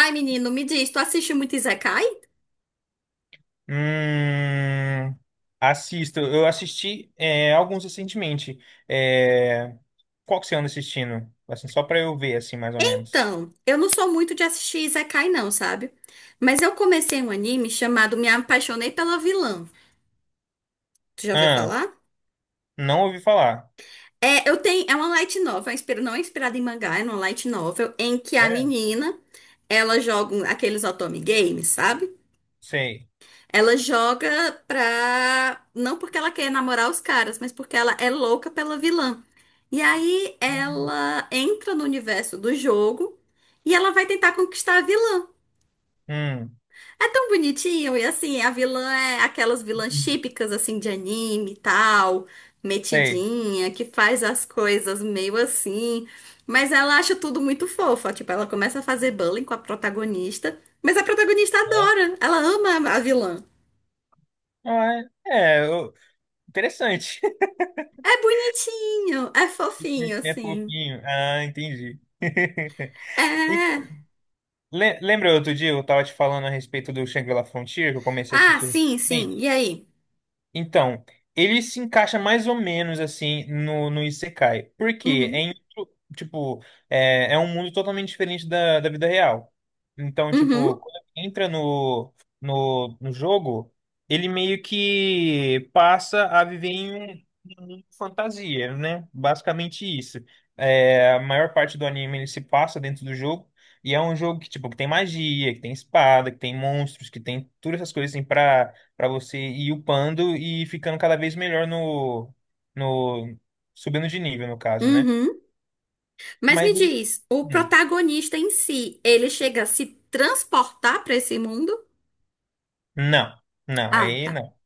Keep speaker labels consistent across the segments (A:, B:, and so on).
A: Ai, menino, me diz, tu assiste muito Isekai?
B: Hum, assisto. Eu assisti alguns recentemente. É, qual que você anda assistindo? Assim, só pra eu ver, assim, mais ou menos.
A: Então, eu não sou muito de assistir Isekai, não, sabe? Mas eu comecei um anime chamado Me Apaixonei pela Vilã. Tu já ouviu
B: Ah,
A: falar?
B: não ouvi falar.
A: É, eu tenho, é uma light novel, não é inspirada em mangá, é uma light novel em que a
B: É,
A: menina, ela aqueles otome games, sabe?
B: sei.
A: Ela joga pra. Não porque ela quer namorar os caras, mas porque ela é louca pela vilã. E aí ela entra no universo do jogo e ela vai tentar conquistar a vilã.
B: Hum,
A: É tão bonitinho, e assim, a vilã é aquelas vilãs típicas, assim, de anime e tal,
B: sei.
A: metidinha, que faz as coisas meio assim. Mas ela acha tudo muito fofa. Tipo, ela começa a fazer bullying com a protagonista, mas a protagonista
B: É,
A: adora, ela ama a vilã.
B: Ah, é, É, eu- interessante.
A: É bonitinho, é fofinho,
B: É
A: assim.
B: fofinho. Ah, entendi.
A: É.
B: E
A: É.
B: lembra outro dia eu tava te falando a respeito do Shangri-La Frontier, que eu comecei a
A: Ah,
B: assistir recentemente?
A: sim, sim. E aí?
B: Então, ele se encaixa mais ou menos assim no Isekai. Por quê?
A: Uhum,
B: Tipo, é um mundo totalmente diferente da vida real. Então,
A: uhum,
B: tipo, quando entra no jogo, ele meio que passa a viver em um mundo de fantasia, né? Basicamente isso. É, a maior parte do anime ele se passa dentro do jogo. E é um jogo que, tipo, que tem magia, que tem espada, que tem monstros, que tem todas essas coisas assim, pra para você ir upando e ficando cada vez melhor no, subindo de nível, no caso, né?
A: uhum. Mas
B: Mas
A: me
B: ele,
A: diz, o
B: hum,
A: protagonista em si, ele chega a se transportar pra esse mundo?
B: não, não,
A: Ah,
B: aí
A: tá.
B: não.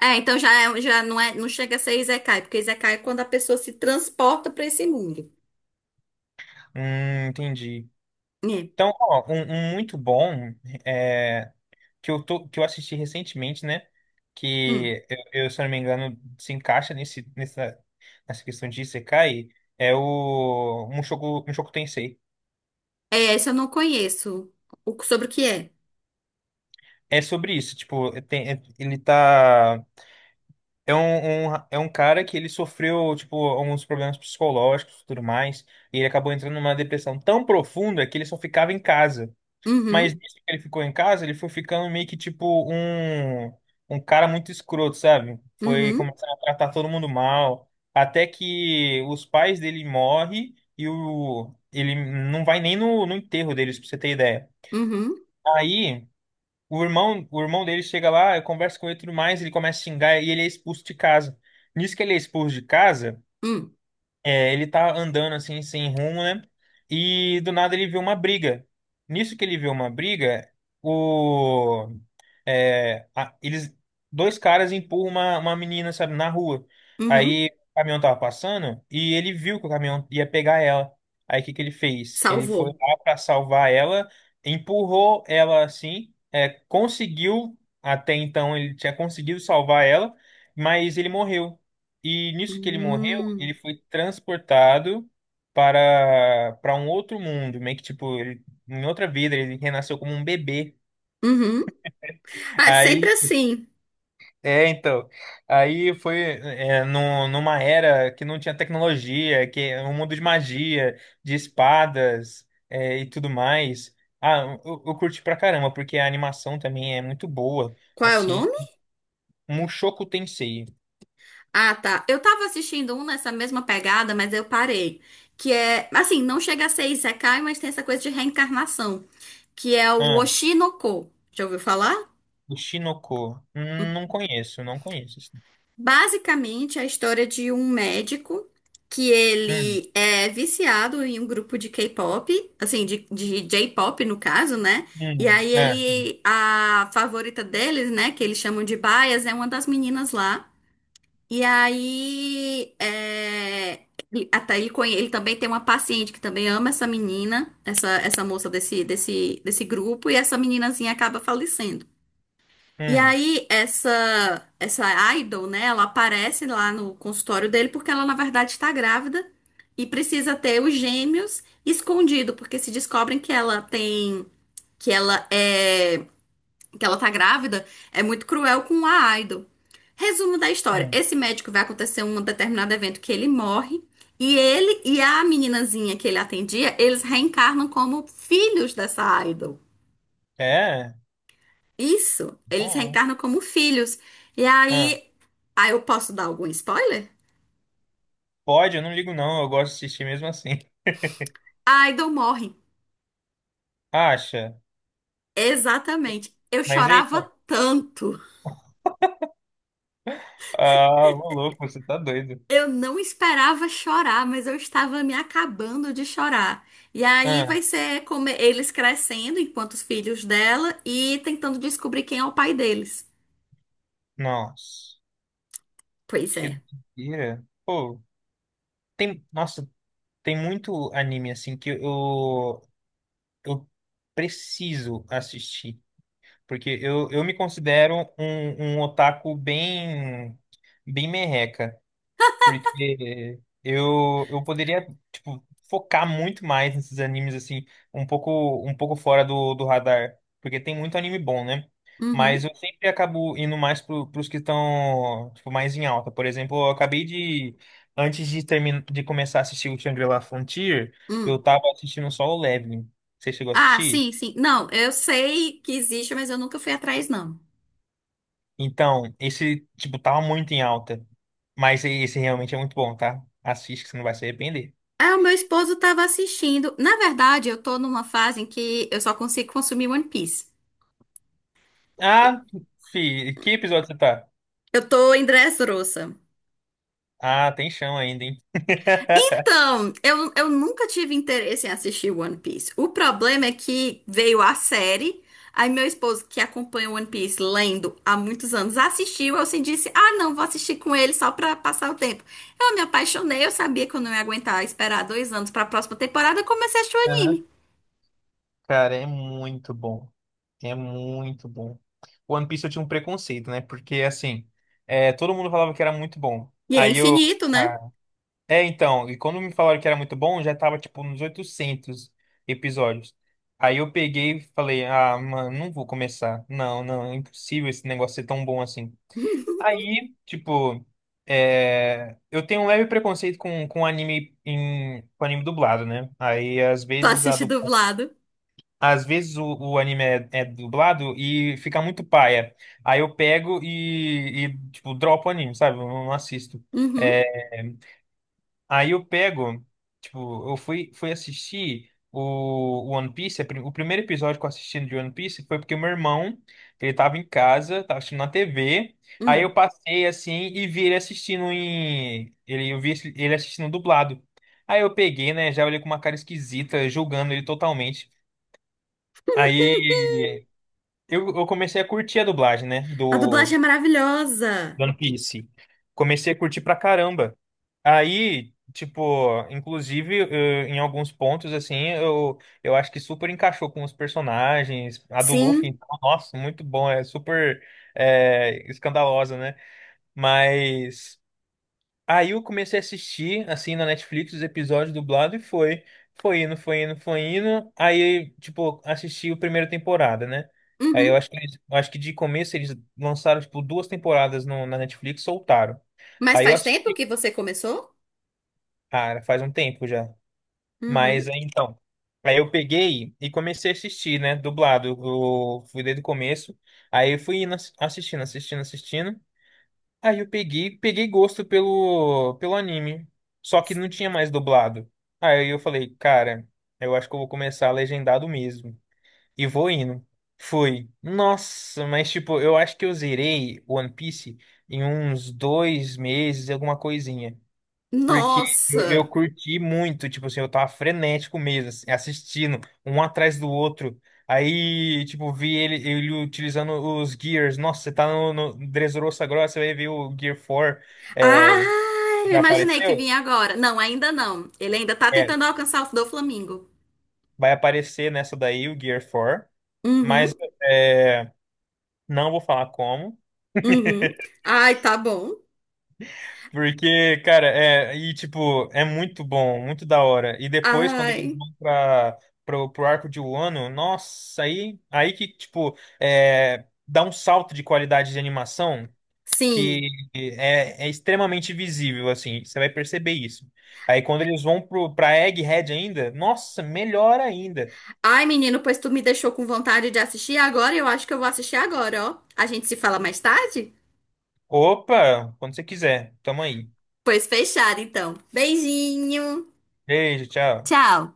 A: É, então já, já não é, não chega a ser Isekai, porque Isekai é quando a pessoa se transporta pra esse mundo.
B: Entendi.
A: É.
B: Então, ó, um muito bom é, que eu tô, que eu assisti recentemente, né?
A: Hum.
B: Que eu, se eu não me engano, se encaixa nessa questão de Isekai, é o Mushoku Tensei.
A: É, esse eu não conheço. O, sobre o que é?
B: É sobre isso, tipo, tem- ele tá É é um cara que ele sofreu, tipo, alguns problemas psicológicos e tudo mais, e ele acabou entrando numa depressão tão profunda que ele só ficava em casa. Mas
A: Uhum,
B: nisso que ele ficou em casa, ele foi ficando meio que, tipo, um cara muito escroto, sabe? Foi
A: uhum,
B: começando a tratar todo mundo mal, até que os pais dele morrem e ele não vai nem no enterro deles, pra você ter ideia.
A: uhum,
B: Aí. O irmão dele chega lá, conversa com ele e tudo mais, ele começa a xingar e ele é expulso de casa. Nisso que ele é expulso de casa,
A: uhum,
B: é, ele tá andando assim, sem rumo, né? E do nada ele vê uma briga. Nisso que ele vê uma briga, o é, a- eles, dois caras empurram uma menina, sabe, na rua.
A: uhum.
B: Aí o caminhão tava passando e ele viu que o caminhão ia pegar ela. Aí o que que ele fez? Ele foi
A: Salvou.
B: lá para salvar ela, empurrou ela assim, é, conseguiu, até então ele tinha conseguido salvar ela, mas ele morreu. E nisso que ele morreu,
A: Hum.
B: ele foi transportado para um outro mundo, meio que tipo, ele, em outra vida, ele renasceu como um bebê.
A: Uhum. Ah, é sempre
B: Aí
A: assim.
B: é, então. Aí foi é, numa era que não tinha tecnologia, que é um mundo de magia, de espadas é, e tudo mais. Ah, eu curti pra caramba, porque a animação também é muito boa.
A: Qual é o
B: Assim,
A: nome?
B: Mushoku Tensei.
A: Ah, tá. Eu tava assistindo um nessa mesma pegada, mas eu parei. Que é, assim, não chega a ser Isekai, mas tem essa coisa de reencarnação, que é o
B: Ah,
A: Oshinoko. Já ouviu falar?
B: o Shinoko. Não conheço, não conheço. Assim.
A: Basicamente, é a história de um médico que
B: Hum,
A: ele é viciado em um grupo de K-pop, assim, de J-pop no caso, né? E
B: hum,
A: aí
B: é,
A: ele, a favorita deles, né, que eles chamam de Bias, é uma das meninas lá. E aí, é, ele também tem uma paciente que também ama essa menina, essa moça desse grupo, e essa meninazinha acaba falecendo. E
B: hum,
A: aí, essa idol, né, ela aparece lá no consultório dele porque ela, na verdade, está grávida e precisa ter os gêmeos escondido, porque se descobrem que ela é que ela tá grávida, é muito cruel com a Idol. Resumo da história:
B: hum.
A: esse médico vai acontecer um determinado evento que ele morre, e ele e a meninazinha que ele atendia, eles reencarnam como filhos dessa Idol.
B: É?
A: Isso, eles
B: Bom.
A: reencarnam como filhos. E
B: Ah,
A: aí, aí eu posso dar algum spoiler?
B: pode, eu não ligo não, eu gosto de assistir mesmo assim.
A: A Idol morre.
B: Acha?
A: Exatamente. Eu
B: Mas aí.
A: chorava tanto.
B: Ah, ô louco, você tá doido.
A: Eu não esperava chorar, mas eu estava me acabando de chorar. E aí
B: Ah,
A: vai ser como eles crescendo enquanto os filhos dela e tentando descobrir quem é o pai deles.
B: nossa,
A: Pois
B: que
A: é.
B: doideira. Pô, tem, nossa, tem muito anime assim eu preciso assistir, porque eu me considero um otaku bem merreca. Porque eu poderia, tipo, focar muito mais nesses animes, assim, um pouco fora do radar. Porque tem muito anime bom, né? Mas
A: Uhum.
B: eu sempre acabo indo mais pros que estão, tipo, mais em alta. Por exemplo, antes de terminar, de começar a assistir o Shangri-La Frontier, eu
A: Hum.
B: tava assistindo só o Leveling. Você chegou a
A: Ah,
B: assistir?
A: sim, sim. Não, eu sei que existe, mas eu nunca fui atrás, não.
B: Então, esse, tipo, tava muito em alta. Mas esse realmente é muito bom, tá? Assiste que você não vai se arrepender.
A: Ah, o meu esposo estava assistindo. Na verdade, eu tô numa fase em que eu só consigo consumir One Piece.
B: Ah, fi, que episódio você tá?
A: Eu tô em Dressrosa.
B: Ah, tem chão ainda, hein?
A: Então, eu nunca tive interesse em assistir One Piece. O problema é que veio a série, aí meu esposo, que acompanha One Piece lendo há muitos anos, assistiu. Eu assim disse: Ah, não, vou assistir com ele só pra passar o tempo. Eu me apaixonei, eu sabia que eu não ia aguentar esperar 2 anos pra próxima temporada. Eu comecei a assistir o
B: Aham.
A: anime.
B: Cara, é muito bom. É muito bom. One Piece eu tinha um preconceito, né? Porque, assim, é, todo mundo falava que era muito bom.
A: E é
B: Aí eu.
A: infinito, né?
B: ah, então, e quando me falaram que era muito bom, já tava, tipo, nos 800 episódios. Aí eu peguei e falei, ah, mano, não vou começar. Não, não, é impossível esse negócio ser tão bom assim. Aí, tipo, é, eu tenho um leve preconceito com anime com anime dublado, né? Aí, às
A: Tu
B: vezes,
A: assiste dublado.
B: às vezes o anime é dublado e fica muito paia. Aí eu pego e, tipo, dropo o anime, sabe? Eu não assisto.
A: Uhum,
B: Eh, Aí eu pego, tipo, eu fui, fui assistir o One Piece, o primeiro episódio que eu assisti de One Piece foi porque o meu irmão, ele tava em casa, tava assistindo na TV, aí eu
A: hum.
B: passei assim e vi ele assistindo eu vi ele assistindo dublado. Aí eu peguei, né, já olhei com uma cara esquisita, julgando ele totalmente. Aí eu comecei a curtir a dublagem, né,
A: A dublagem é maravilhosa.
B: do One Piece. Comecei a curtir pra caramba. Aí, tipo, inclusive, eh, em alguns pontos, assim, eu acho que super encaixou com os personagens. A do Luffy,
A: Sim.
B: então, nossa, muito bom, é super escandalosa, né? Mas aí eu comecei a assistir, assim, na Netflix, os episódios dublados e foi. Foi indo, foi indo, foi indo. Aí, tipo, assisti a primeira temporada, né? Aí eu
A: Uhum.
B: acho eu acho que de começo eles lançaram, tipo, duas temporadas no, na Netflix, e soltaram.
A: Mas
B: Aí eu
A: faz tempo
B: assisti,
A: que você começou?
B: cara, faz um tempo já.
A: Uhum.
B: Mas aí então, aí eu peguei e comecei a assistir, né? Dublado. Eu fui desde o começo. Aí eu fui indo assistindo, assistindo, assistindo. Aí eu peguei, peguei gosto pelo anime. Só que não tinha mais dublado. Aí eu falei, cara, eu acho que eu vou começar legendado mesmo. E vou indo. Fui. Nossa, mas tipo, eu acho que eu zerei One Piece em uns dois meses, alguma coisinha. Porque eu
A: Nossa!
B: curti muito, tipo assim, eu tava frenético mesmo, assim, assistindo um atrás do outro. Aí, tipo, vi ele utilizando os Gears. Nossa, você tá no Dressrosa agora, você vai ver o Gear 4. É,
A: Ah, eu
B: já
A: imaginei que
B: apareceu?
A: vinha agora. Não, ainda não. Ele ainda tá
B: É,
A: tentando alcançar o do Flamengo.
B: vai aparecer nessa daí, o Gear 4.
A: Uhum,
B: Mas é, não vou falar como.
A: uhum. Ai, tá bom.
B: Porque, cara, é, e tipo, é muito bom, muito da hora. E depois, quando eles
A: Ai,
B: vão pro arco de Wano, nossa, aí que, tipo, é, dá um salto de qualidade de animação
A: sim.
B: que é extremamente visível, assim, você vai perceber isso. Aí quando eles vão pra Egghead ainda, nossa, melhor ainda.
A: Ai, menino, pois tu me deixou com vontade de assistir agora. Eu acho que eu vou assistir agora, ó. A gente se fala mais tarde?
B: Opa, quando você quiser, tamo aí.
A: Pois fechado, então. Beijinho.
B: Beijo, tchau.
A: Tchau.